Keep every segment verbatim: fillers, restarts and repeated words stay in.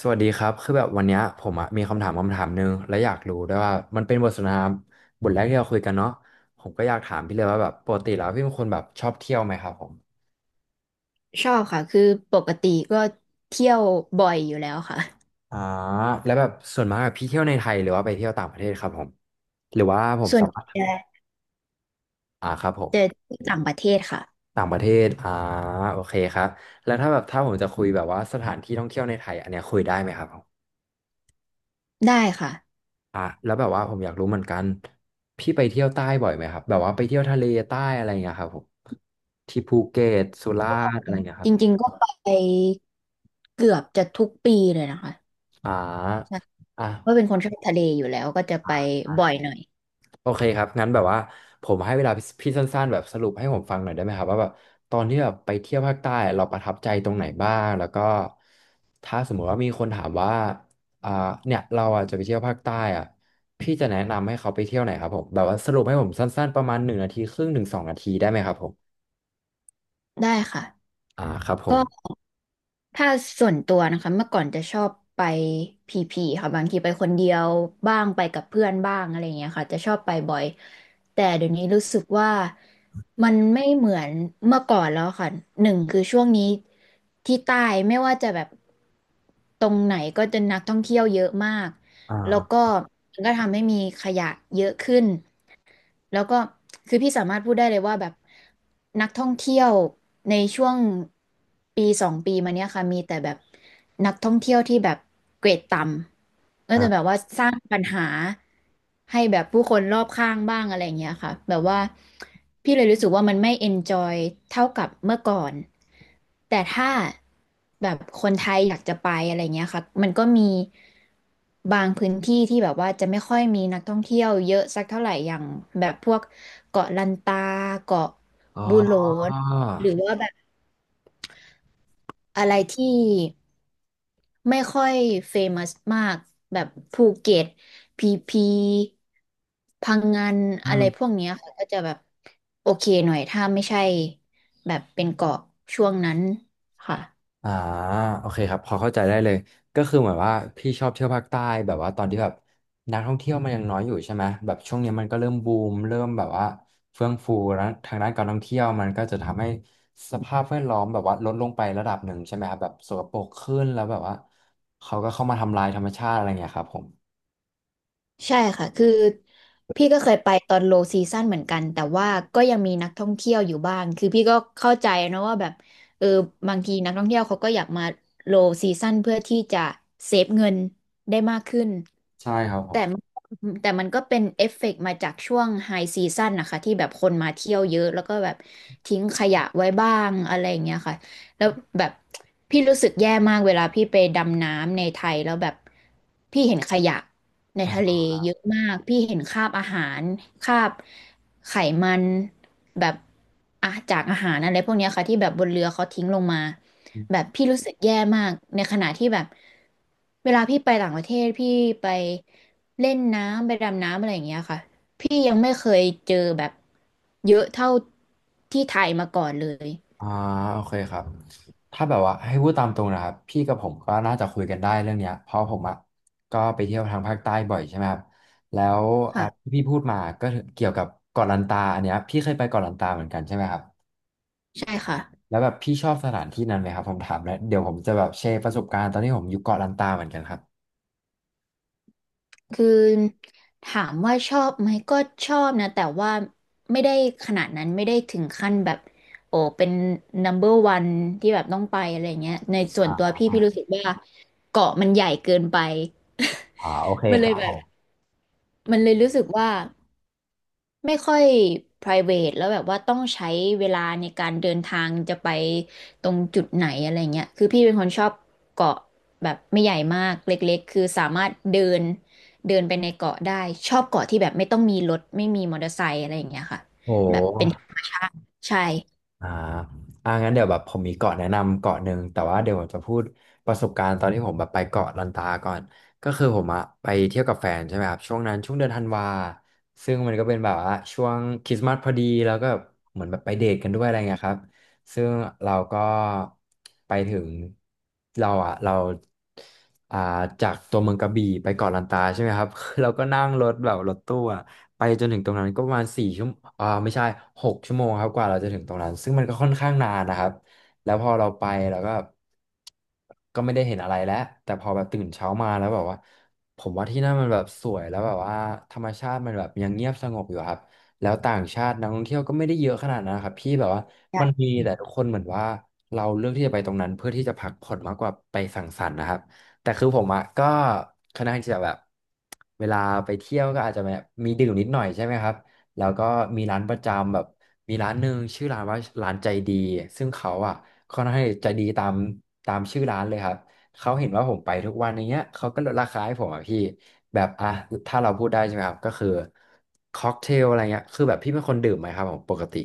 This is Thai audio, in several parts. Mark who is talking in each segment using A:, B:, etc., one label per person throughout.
A: สวัสดีครับคือแบบวันเนี้ยผมอะมีคำถามคำถามหนึ่งและอยากรู้ด้วยว่ามันเป็นบทสนทนาบทแรกที่เราคุยกันเนาะผมก็อยากถามพี่เลยว่าแบบปกติแล้วพี่เป็นคนแบบชอบเที่ยวไหมครับผม
B: ชอบค่ะ คือปกติก็เที่ยวบ่อยอยู่แล้วค่ะ
A: อ่าแล้วแบบส่วนมากอะพี่เที่ยวในไทยหรือว่าไปเที่ยวต่างประเทศครับผมหรือว่าผม
B: ส่วน
A: สา
B: ใ
A: มารถ
B: หญ่
A: อ่าครับผม
B: จะที่ต่างประเทศค่ะ
A: ต่างประเทศอ่าโอเคครับแล้วถ้าแบบถ้าผมจะคุยแบบว่าสถานที่ท่องเที่ยวในไทยอันเนี้ยคุยได้ไหมครับผม
B: ได้ค่ะ
A: อ่ะแล้วแบบว่าผมอยากรู้เหมือนกันพี่ไปเที่ยวใต้บ่อยไหมครับแบบว่าไปเที่ยวทะเลใต้อะไรเงี้ยครับผมที่ภูเก็ตสุราษฎร์อะไรเงี้ยค
B: จ
A: รับ
B: ริงๆก็ไปเกือบจะทุกปีเลยนะคะ
A: อ่
B: ใช่
A: า
B: เพราะเป็น
A: อ่ะ
B: คนชอบทะเลอยู่แล้วก็จะไป
A: อ่ะอ่ะ
B: บ่อยหน่อย
A: โอเคครับงั้นแบบว่าผมให้เวลาพี่สั้นๆแบบสรุปให้ผมฟังหน่อยได้ไหมครับว่าแบบตอนที่แบบไปเที่ยวภาคใต้เราประทับใจตรงไหนบ้างแล้วก็ถ้าสมมุติว่ามีคนถามว่าอ่าเนี่ยเราอ่ะจะไปเที่ยวภาคใต้อ่ะพี่จะแนะนำให้เขาไปเที่ยวไหนครับผมแบบว่าสรุปให้ผมสั้นๆประมาณหนึ่งนาทีครึ่งถึงสองนาทีได้ไหมครับผม
B: ได้ค่ะ
A: อ่าครับผ
B: ก็
A: ม
B: ถ้าส่วนตัวนะคะเมื่อก่อนจะชอบไปพีพีค่ะบางทีไปคนเดียวบ้างไปกับเพื่อนบ้างอะไรอย่างเงี้ยค่ะจะชอบไปบ่อยแต่เดี๋ยวนี้รู้สึกว่ามันไม่เหมือนเมื่อก่อนแล้วค่ะหนึ่งคือช่วงนี้ที่ใต้ไม่ว่าจะแบบตรงไหนก็จะนักท่องเที่ยวเยอะมากแล้ว
A: อ่า
B: ก็มันก็ทำให้มีขยะเยอะขึ้น แล้วก็คือพี่สามารถพูดได้เลยว่าแบบนักท่องเที่ยวในช่วงปีสองปีมาเนี้ยค่ะมีแต่แบบนักท่องเที่ยวที่แบบเกรดต่ำเออแต่
A: อ่า
B: แบบว่าสร้างปัญหาให้แบบผู้คนรอบข้างบ้างอะไรอย่างเงี้ยค่ะแบบว่าพี่เลยรู้สึกว่ามันไม่เอนจอยเท่ากับเมื่อก่อนแต่ถ้าแบบคนไทยอยากจะไปอะไรเงี้ยค่ะมันก็มี บางพื้นที่ที่แบบว่าจะไม่ค่อยมีนักท่องเที่ยวเยอะสักเท่าไหร่อย่างแบบพวกเกาะลันตาเกาะ
A: อ๋อ
B: บูโหลนหรือว่าแบบอะไรที่ไม่ค่อยเฟมัสมากแบบภูเก็ตพีพีพังงาน
A: อื
B: อะไรพ
A: ม
B: วกเนี้ยค่ะก็จะแบบโอเคหน่อยถ้าไม่ใช่แบบเป็นเกาะช่วงนั้นค่ะ
A: อ่าโอเคครับพอเข้าใจได้เลยก็คือเหมือนว่าพี่ชอบเที่ยวภาคใต้แบบว่าตอนที่แบบนักท่องเที่ยวมันยังน้อยอยู่ใช่ไหมแบบช่วงนี้มันก็เริ่มบูมเริ่มแบบว่าเฟื่องฟูแล้วทางด้านการท่องเที่ยวมันก็จะทำให้สภาพแวดล้อมแบบว่าลดลงไประดับหนึ่งใช่ไหมครับแบบสกปรกขึ้นแล้วแบบว่าเขาก็เข้ามาทำลายธรรมชาติอะไรเงี้ยครับผม
B: ใช่ค่ะ คือพี่ก็เคยไปตอนโลซีซั่นเหมือนกัน แต่ว่าก็ยังมีนักท่องเที่ยวอยู่บ้าง คือพี่ก็เข้าใจนะว่าแบบเออบางทีนักท่องเที่ยวเขาก็อยากมาโลซีซั่นเพื่อที่จะเซฟเงินได้มากขึ้น
A: ใช่ครับผ
B: แต่มันแต่มันก็เป็นเอฟเฟกต์มาจากช่วงไฮซีซั่นนะคะที่แบบคนมาเที่ยวเยอะแล้วก็แบบทิ้งขยะไว้บ้างอะไรอย่างเงี้ยค่ะ แล้วแบบพี่รู้สึกแย่มากเวลาพี่ไปดำน้ำในไทยแล้วแบบพี่เห็นขยะในทะเลเยอะมากพี่เห็นคราบอาหารคราบไขมันแบบอ่ะจากอาหารอะไรพวกเนี้ยค่ะที่แบบบนเรือเขาทิ้งลงมาแบ
A: ม
B: บพี่รู้สึกแย่มากในขณะที่แบบเวลาพี่ไปต่างประเทศพี่ไปเล่นน้ำไปดำน้ำอะไรอย่างเงี้ยค่ะพี่ยังไม่เคยเจอแบบเยอะเท่าที่ไทยมาก่อนเลย
A: อ่าโอเคครับถ้าแบบว่าให้พูดตามตรงนะครับพี่กับผมก็น่าจะคุยกันได้เรื่องเนี้ยเพราะผมอ่ะก็ไปเที่ยวทางภาคใต้บ่อยใช่ไหมครับแล้วอ่า
B: ค่ะ
A: ที่พี่พูดมาก็เกี่ยวกับเกาะลันตาอันเนี้ยพี่เคยไปเกาะลันตาเหมือนกันใช่ไหมครับ
B: ใช่ค่ะ
A: แล้วแบบพี่ชอบสถานที่นั้นไหมครับผมถามแล้วเดี๋ยวผมจะแบบแชร์ประสบการณ์ตอนที่ผมอยู่เกาะลันตาเหมือนกันครับ
B: คือถามว่าชอบไหมก็ชอบนะแต่ว่าไม่ได้ขนาดนั้นไม่ได้ถึงขั้นแบบโอ้เป็น number one ที่แบบต้องไปอะไรเงี้ยในส่วนตัว
A: อ่า
B: พี่พี่รู้สึกว่าเกาะมันใหญ่เกินไป
A: อ่าโอเค
B: มัน
A: ค
B: เล
A: รั
B: ย
A: บ
B: แบ
A: ผ
B: บ
A: ม
B: มันเลยรู้สึกว่า ไม่ค่อย private แล้วแบบว่าต้องใช้เวลาในการเดินทางจะไปตรงจุดไหนอะไรเงี้ยคือพี่เป็นคนชอบเกาะแบบไม่ใหญ่มากเล็กๆ คือสามารถเดินเดินไปในเกาะได้ชอบเกาะที่แบบไม่ต้องมีรถไม่มีมอเตอร์ไซค์อะไรอย่างเงี้ยค่ะ
A: โ
B: แบบเป็น
A: ห
B: ธรรมชาติใช่
A: อ่าอ่างั้นเดี๋ยวแบบผมมีเกาะแนะนำเกาะหนึ่งแต่ว่าเดี๋ยวผมจะพูดประสบการณ์ตอนที่ผมแบบไปเกาะลันตาก่อนก็คือผมอะไปเที่ยวกับแฟนใช่ไหมครับช่วงนั้นช่วงเดือนธันวาซึ่งมันก็เป็นแบบว่าช่วงคริสต์มาสพอดีแล้วก็เหมือนแบบไปเดทกันด้วยอะไรเงี้ยครับ ซึ่งเราก็ไปถึงเราอ่ะเราอ่าจากตัวเมืองกระบี่ไปเกาะลันตาใช่ไหมครับ เราก็นั่งรถแบบรถตู้อ่ะไปจนถึงตรงนั้นก็ประมาณสี่ชั่วโมงอ่าไม่ใช่หกชั่วโมงครับกว่าเราจะถึงตรงนั้นซึ่งมันก็ค่อนข้างนานนะครับแล้วพอเราไปเราก็ก็ไม่ได้เห็นอะไรแล้วแต่พอแบบตื่นเช้ามาแล้วแบบว่าผมว่าที่นั่นมันแบบสวยแล้วแบบว่าธรรมชาติมันแบบยังเงียบสงบอยู่ครับ แล้วต่างชาตินักท่องเที่ยวก็ไม่ได้เยอะขนาดนั้นนะครับพี่แบบว่ามัน
B: ใช่
A: มีแต่ทุกคนเหมือนว่าเราเลือกที่จะไปตรงนั้นเพื่อที่จะพักผ่อนมากกว่าไปสังสรรค์นะครับแต่คือผมอะก็ค่อนข้างที่จะแบบเวลาไปเที่ยวก็อาจจะแบบมีดื่มนิดหน่อยใช่ไหมครับแล้วก็มีร้านประจำแบบมีร้านหนึ่งชื่อร้านว่าร้านใจดีซึ่งเขาอะค่อนข้างใจดีตามตามชื่อร้านเลยครับ เขาเห็นว่าผมไปทุกวันอย่างเงี้ยเขาก็ลดราคาให้ผมอ่ะพี่ แบบอ่ะ ถ้าเราพูดได้ใช่ไหมครับ ก็คือค็อกเทลอะไรเงี้ย คือแบบพี่เป็นคนดื่มไหมครับผมปกติ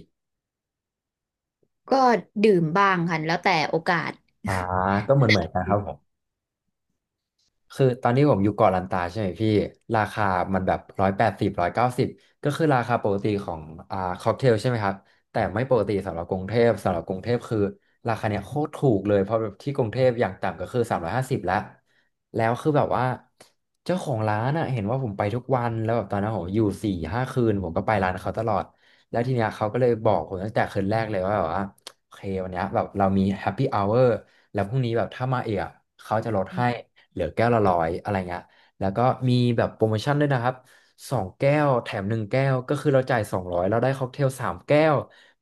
B: ก็ดื่มบ้างค่ะแล้วแต่โอกาส
A: อ่า ก็เหมือนเหมือนกันครับผม คือตอนที่ผมอยู่เกาะลันตาใช่ไหมพี่ราคามันแบบร้อยแปดสิบร้อยเก้าสิบก็คือราคาปกติของอ่าค็อกเทลใช่ไหมครับแต่ไม่ปกติสำหรับกรุงเทพสำหรับกรุงเทพคือราคาเนี่ยโคตรถูกเลยเพราะแบบที่กรุงเทพอย่างต่ำก็คือสามร้อยห้าสิบแล้วแล้วคือแบบว่าเจ้าของร้านอ่ะเห็นว่าผมไปทุกวันแล้วแบบตอนนั้นผมอยู่สี่ห้าคืนผมก็ไปร้านเขาตลอดแล้วทีเนี้ยเขาก็เลยบอกผมตั้งแต่คืนแรกเลยว่าแบบว่าโอเควันเนี้ยแบบเรามีแฮปปี้อเวอร์แล้วพรุ่งนี้แบบถ้ามาเอะเขาจะลดให้ เหลือแก้วละร้อยอะไรเงี้ยแล้วก็มีแบบโปรโมชั่นด้วยนะครับสองแก้วแถมหนึ่งแก้วก็คือเราจ่ายสองร้อยเราได้ค็อกเทลสามแก้ว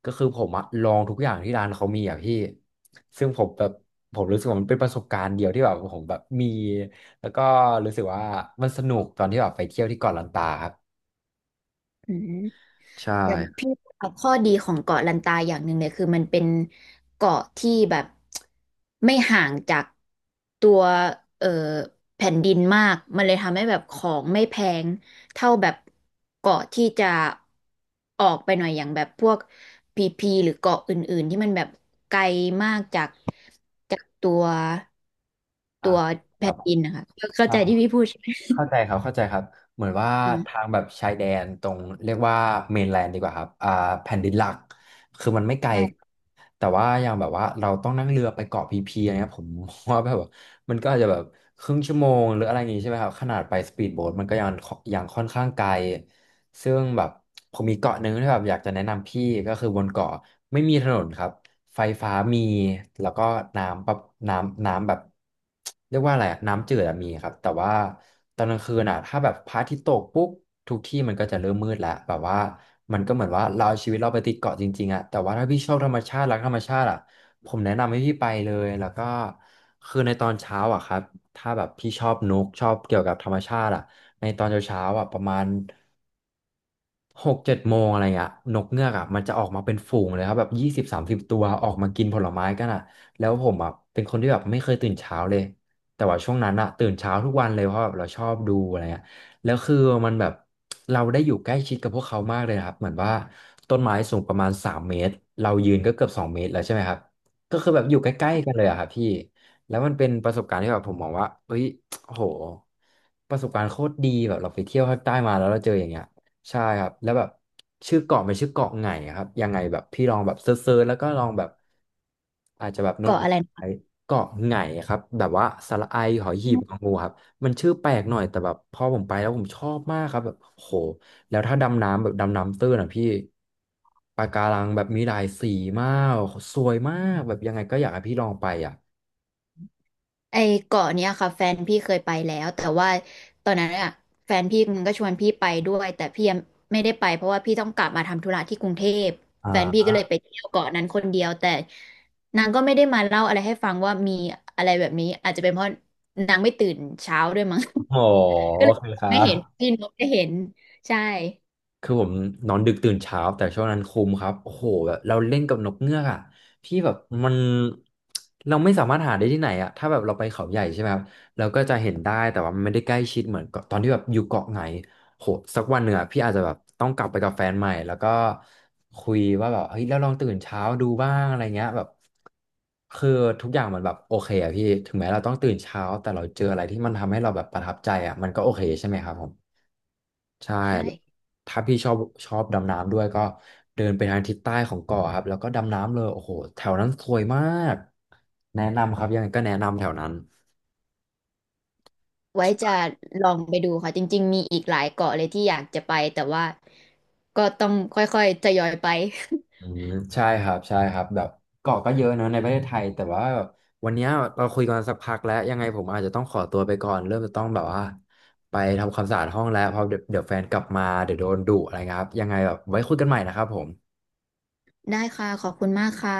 A: ก็คือผมอะลองทุกอย่างที่ร้านเขามีอะพี่ซึ่งผมแบบผมรู้สึกว่ามันเป็นประสบการณ์เดียวที่แบบผมแบบมีแล้วก็รู้สึกว่ามันสนุกตอนที่แบบไปเที่ยวที่เกาะลันตาครับ
B: อืม
A: ใช่
B: อย่างพี่ว่าข้อดีของเกาะลันตาอย่างหนึ่งเนี่ยคือมันเป็นเกาะที่แบบไม่ห่างจากตัวเอ่อแผ่นดินมากมันเลยทำให้แบบของไม่แพงเท่าแบบเกาะที่จะออกไปหน่อยอย่างแบบพวกพีพีหรือเกาะอื่นๆที่มันแบบไกลมากจากจากตัว
A: อ่ะ
B: ตัว
A: ค
B: แผ่
A: รับ
B: นดินนะคะเข้า
A: ใช่
B: ใจที่พี่พูดใช่ไหม
A: เข้าใจครับเข้าใจครับเหมือนว่าทา
B: อ่า
A: งแบบชายแดนตรงเรียกว่าเมนแลนด์ดีกว่าครับอ่าแผ่นดินหลักคือมันไม่ไกล
B: ใช่
A: แต่ว่าอย่างแบบว่าเราต้องนั่งเรือไปเกาะพีพีอะไรเงี้ยผมว่าแบบว่ามันก็อาจจะแบบครึ่งชั่วโมงหรืออะไรอย่างงี้ใช่ไหมครับขนาดไปสปีดโบ๊ทมันก็ยังยังค่อนข้างไกลซึ่งแบบผมมีเกาะหนึ่งที่แบบอยากจะแนะนำพี่ก็คือบนเกาะไม่มีถนนครับ ไฟฟ้ามีแล้วก็น้ำแบบน้ำน้ำแบบเรียกว่าอะไรอะน้ำจืดอะมีครับแต่ว่าตอนกลางคืนอะถ้าแบบพระอาทิตย์ตกปุ๊บทุกที่มันก็จะเริ่มมืดแล้วแบบว่ามันก็เหมือนว่าเราเอาชีวิตเราไปติดเกาะจริงๆอะแต่ว่าถ้าพี่ชอบธรรมชาติรักธรรมชาติอะผมแนะนำให้พี่ไปเลยแล้วก็คือในตอนเช้าอะครับถ้าแบบพี่ชอบนกชอบเกี่ยวกับธรรมชาติอะในตอนเช้าๆอะประมาณ หกเจ็ดโมงอะไรอ่ะนกเงือกอ่ะมันจะออกมาเป็นฝูงเลยครับแบบยี่สิบสามสิบตัวออกมากินผลไม้กันอ่ะแล้วผมอ่ะเป็นคนที่แบบไม่เคยตื่นเช้าเลยแต่ว่าช่วงนั้นอ่ะตื่นเช้าทุกวันเลยเพราะแบบเราชอบดูอะไรอ่ะแล้วคือมันแบบเราได้อยู่ใกล้ชิดกับพวกเขามากเลยนะครับเหมือนว่าต้นไม้สูงประมาณสามเมตรเรายืนก็เกือบสองเมตรแล้วใช่ไหมครับก็คือแบบอยู่ใกล้ๆกันเลยอะครับพี่แล้วมันเป็นประสบการณ์ที่แบบผมมองว่าเฮ้ยโอ้โหประสบการณ์โคตรดีแบบเราไปเที่ยวภาคใต้มาแล้วเราเจออย่างเงี้ย ใช่ครับแล้วแบบชื่อเกาะเป็นชื่อเกาะไงครับยังไงแบบพี่ลองแบบเซิร์ชๆแล้วก็ลองแบบอาจจะแบบโน้ต
B: เกาะอะไรนะ
A: ไอ้เกาะไงครับแบบว่าสระไอหอยหีบงองูครับมันชื่อแปลกหน่อยแต่แบบพอผมไปแล้วผมชอบมากครับแบบโหแล้วถ้าดำน้ำแบบดำน้ำตื้นอ่ะพี่ปะการังแบบมีหลายสีมากสวยมากแบบยังไงก็อยากให้พี่ลองไปอ่ะ
B: ไอ้เกาะเนี้ยค่ะแฟนพี่เคยไปแล้วแต่ว่าตอนนั้นอะแฟนพี่มันก็ชวนพี่ไปด้วยแต่พี่ยังไม่ได้ไปเพราะว่าพี่ต้องกลับมาทำธุระที่กรุงเทพแฟนพี่
A: อ่า
B: ก็เลยไปเที่ยวเกาะนั้นคนเดียวแต่นางก็ไม่ได้มาเล่าอะไรให้ฟังว่ามีอะไรแบบนี้อาจจะเป็นเพราะนางไม่ตื่นเช้าด้วยมั้ง
A: อ โอ
B: ก็เลย
A: เคครั
B: ไม่เห็น
A: บ
B: พี่นกได้เห็นใช่
A: คือผมนอนดึกตื่นเช้าแต่ช่วงนั้นคุมครับโอ้โหแบบเราเล่นกับนกเงือกอ่ะพี่แบบมันเราไม่สามารถหาได้ที่ไหนอ่ะถ้าแบบเราไปเขาใหญ่ใช่ไหมครับเราก็จะเห็นได้แต่ว่ามันไม่ได้ใกล้ชิดเหมือนกับตอนที่แบบอยู่เกาะไหนโหสักวันหนึ่งอ่ะพี่อาจจะแบบต้องกลับไปกับแฟนใหม่แล้วก็คุยว่าแบบเฮ้ยเราลองตื่นเช้าดูบ้างอะไรเงี้ยแบบคือทุกอย่างมันแบบโอเคอ่ะพี่ถึงแม้เราต้องตื่นเช้าแต่เราเจออะไรที่มันทำให้เราแบบประทับใจอ่ะมันก็โอเคใช่ไหมครับผม ใช่
B: ใช่
A: ถ้าพี่ชอบชอบดำน้ำด้วยก็เดินไปทางทิศใต้ของเกาะครับแล้วก็ดำน้ำเลยโอ้โหแถวนั้นสวยมากแนะนำครับยังไงก็แนะนำแถวนั้น
B: ไว้จะลองไปดูค่ะจริงๆมีอีกหลายเกาะเลยที่อยากจะไปแต่ว่าก็ต้องค่อยๆทยอยไป
A: อืมใช่ครับใช่ครับแบบเกาะก็เยอะเนอะในประเทศไทยแต่ว่าวันเนี้ยเราคุยกันสักพักแล้วยังไงผมอาจจะต้องขอตัวไปก่อนเริ่มจะต้องแบบว่าไปทำความสะอาดห้องแล้วเพราะเดี๋ยวเดี๋ยวแฟนกลับมาเดี๋ยวโดนดุอะไรเงี้ยครับยังไงแบบไว้คุยกันใหม่นะครับผม
B: ได้ค่ะขอบคุณมากค่ะ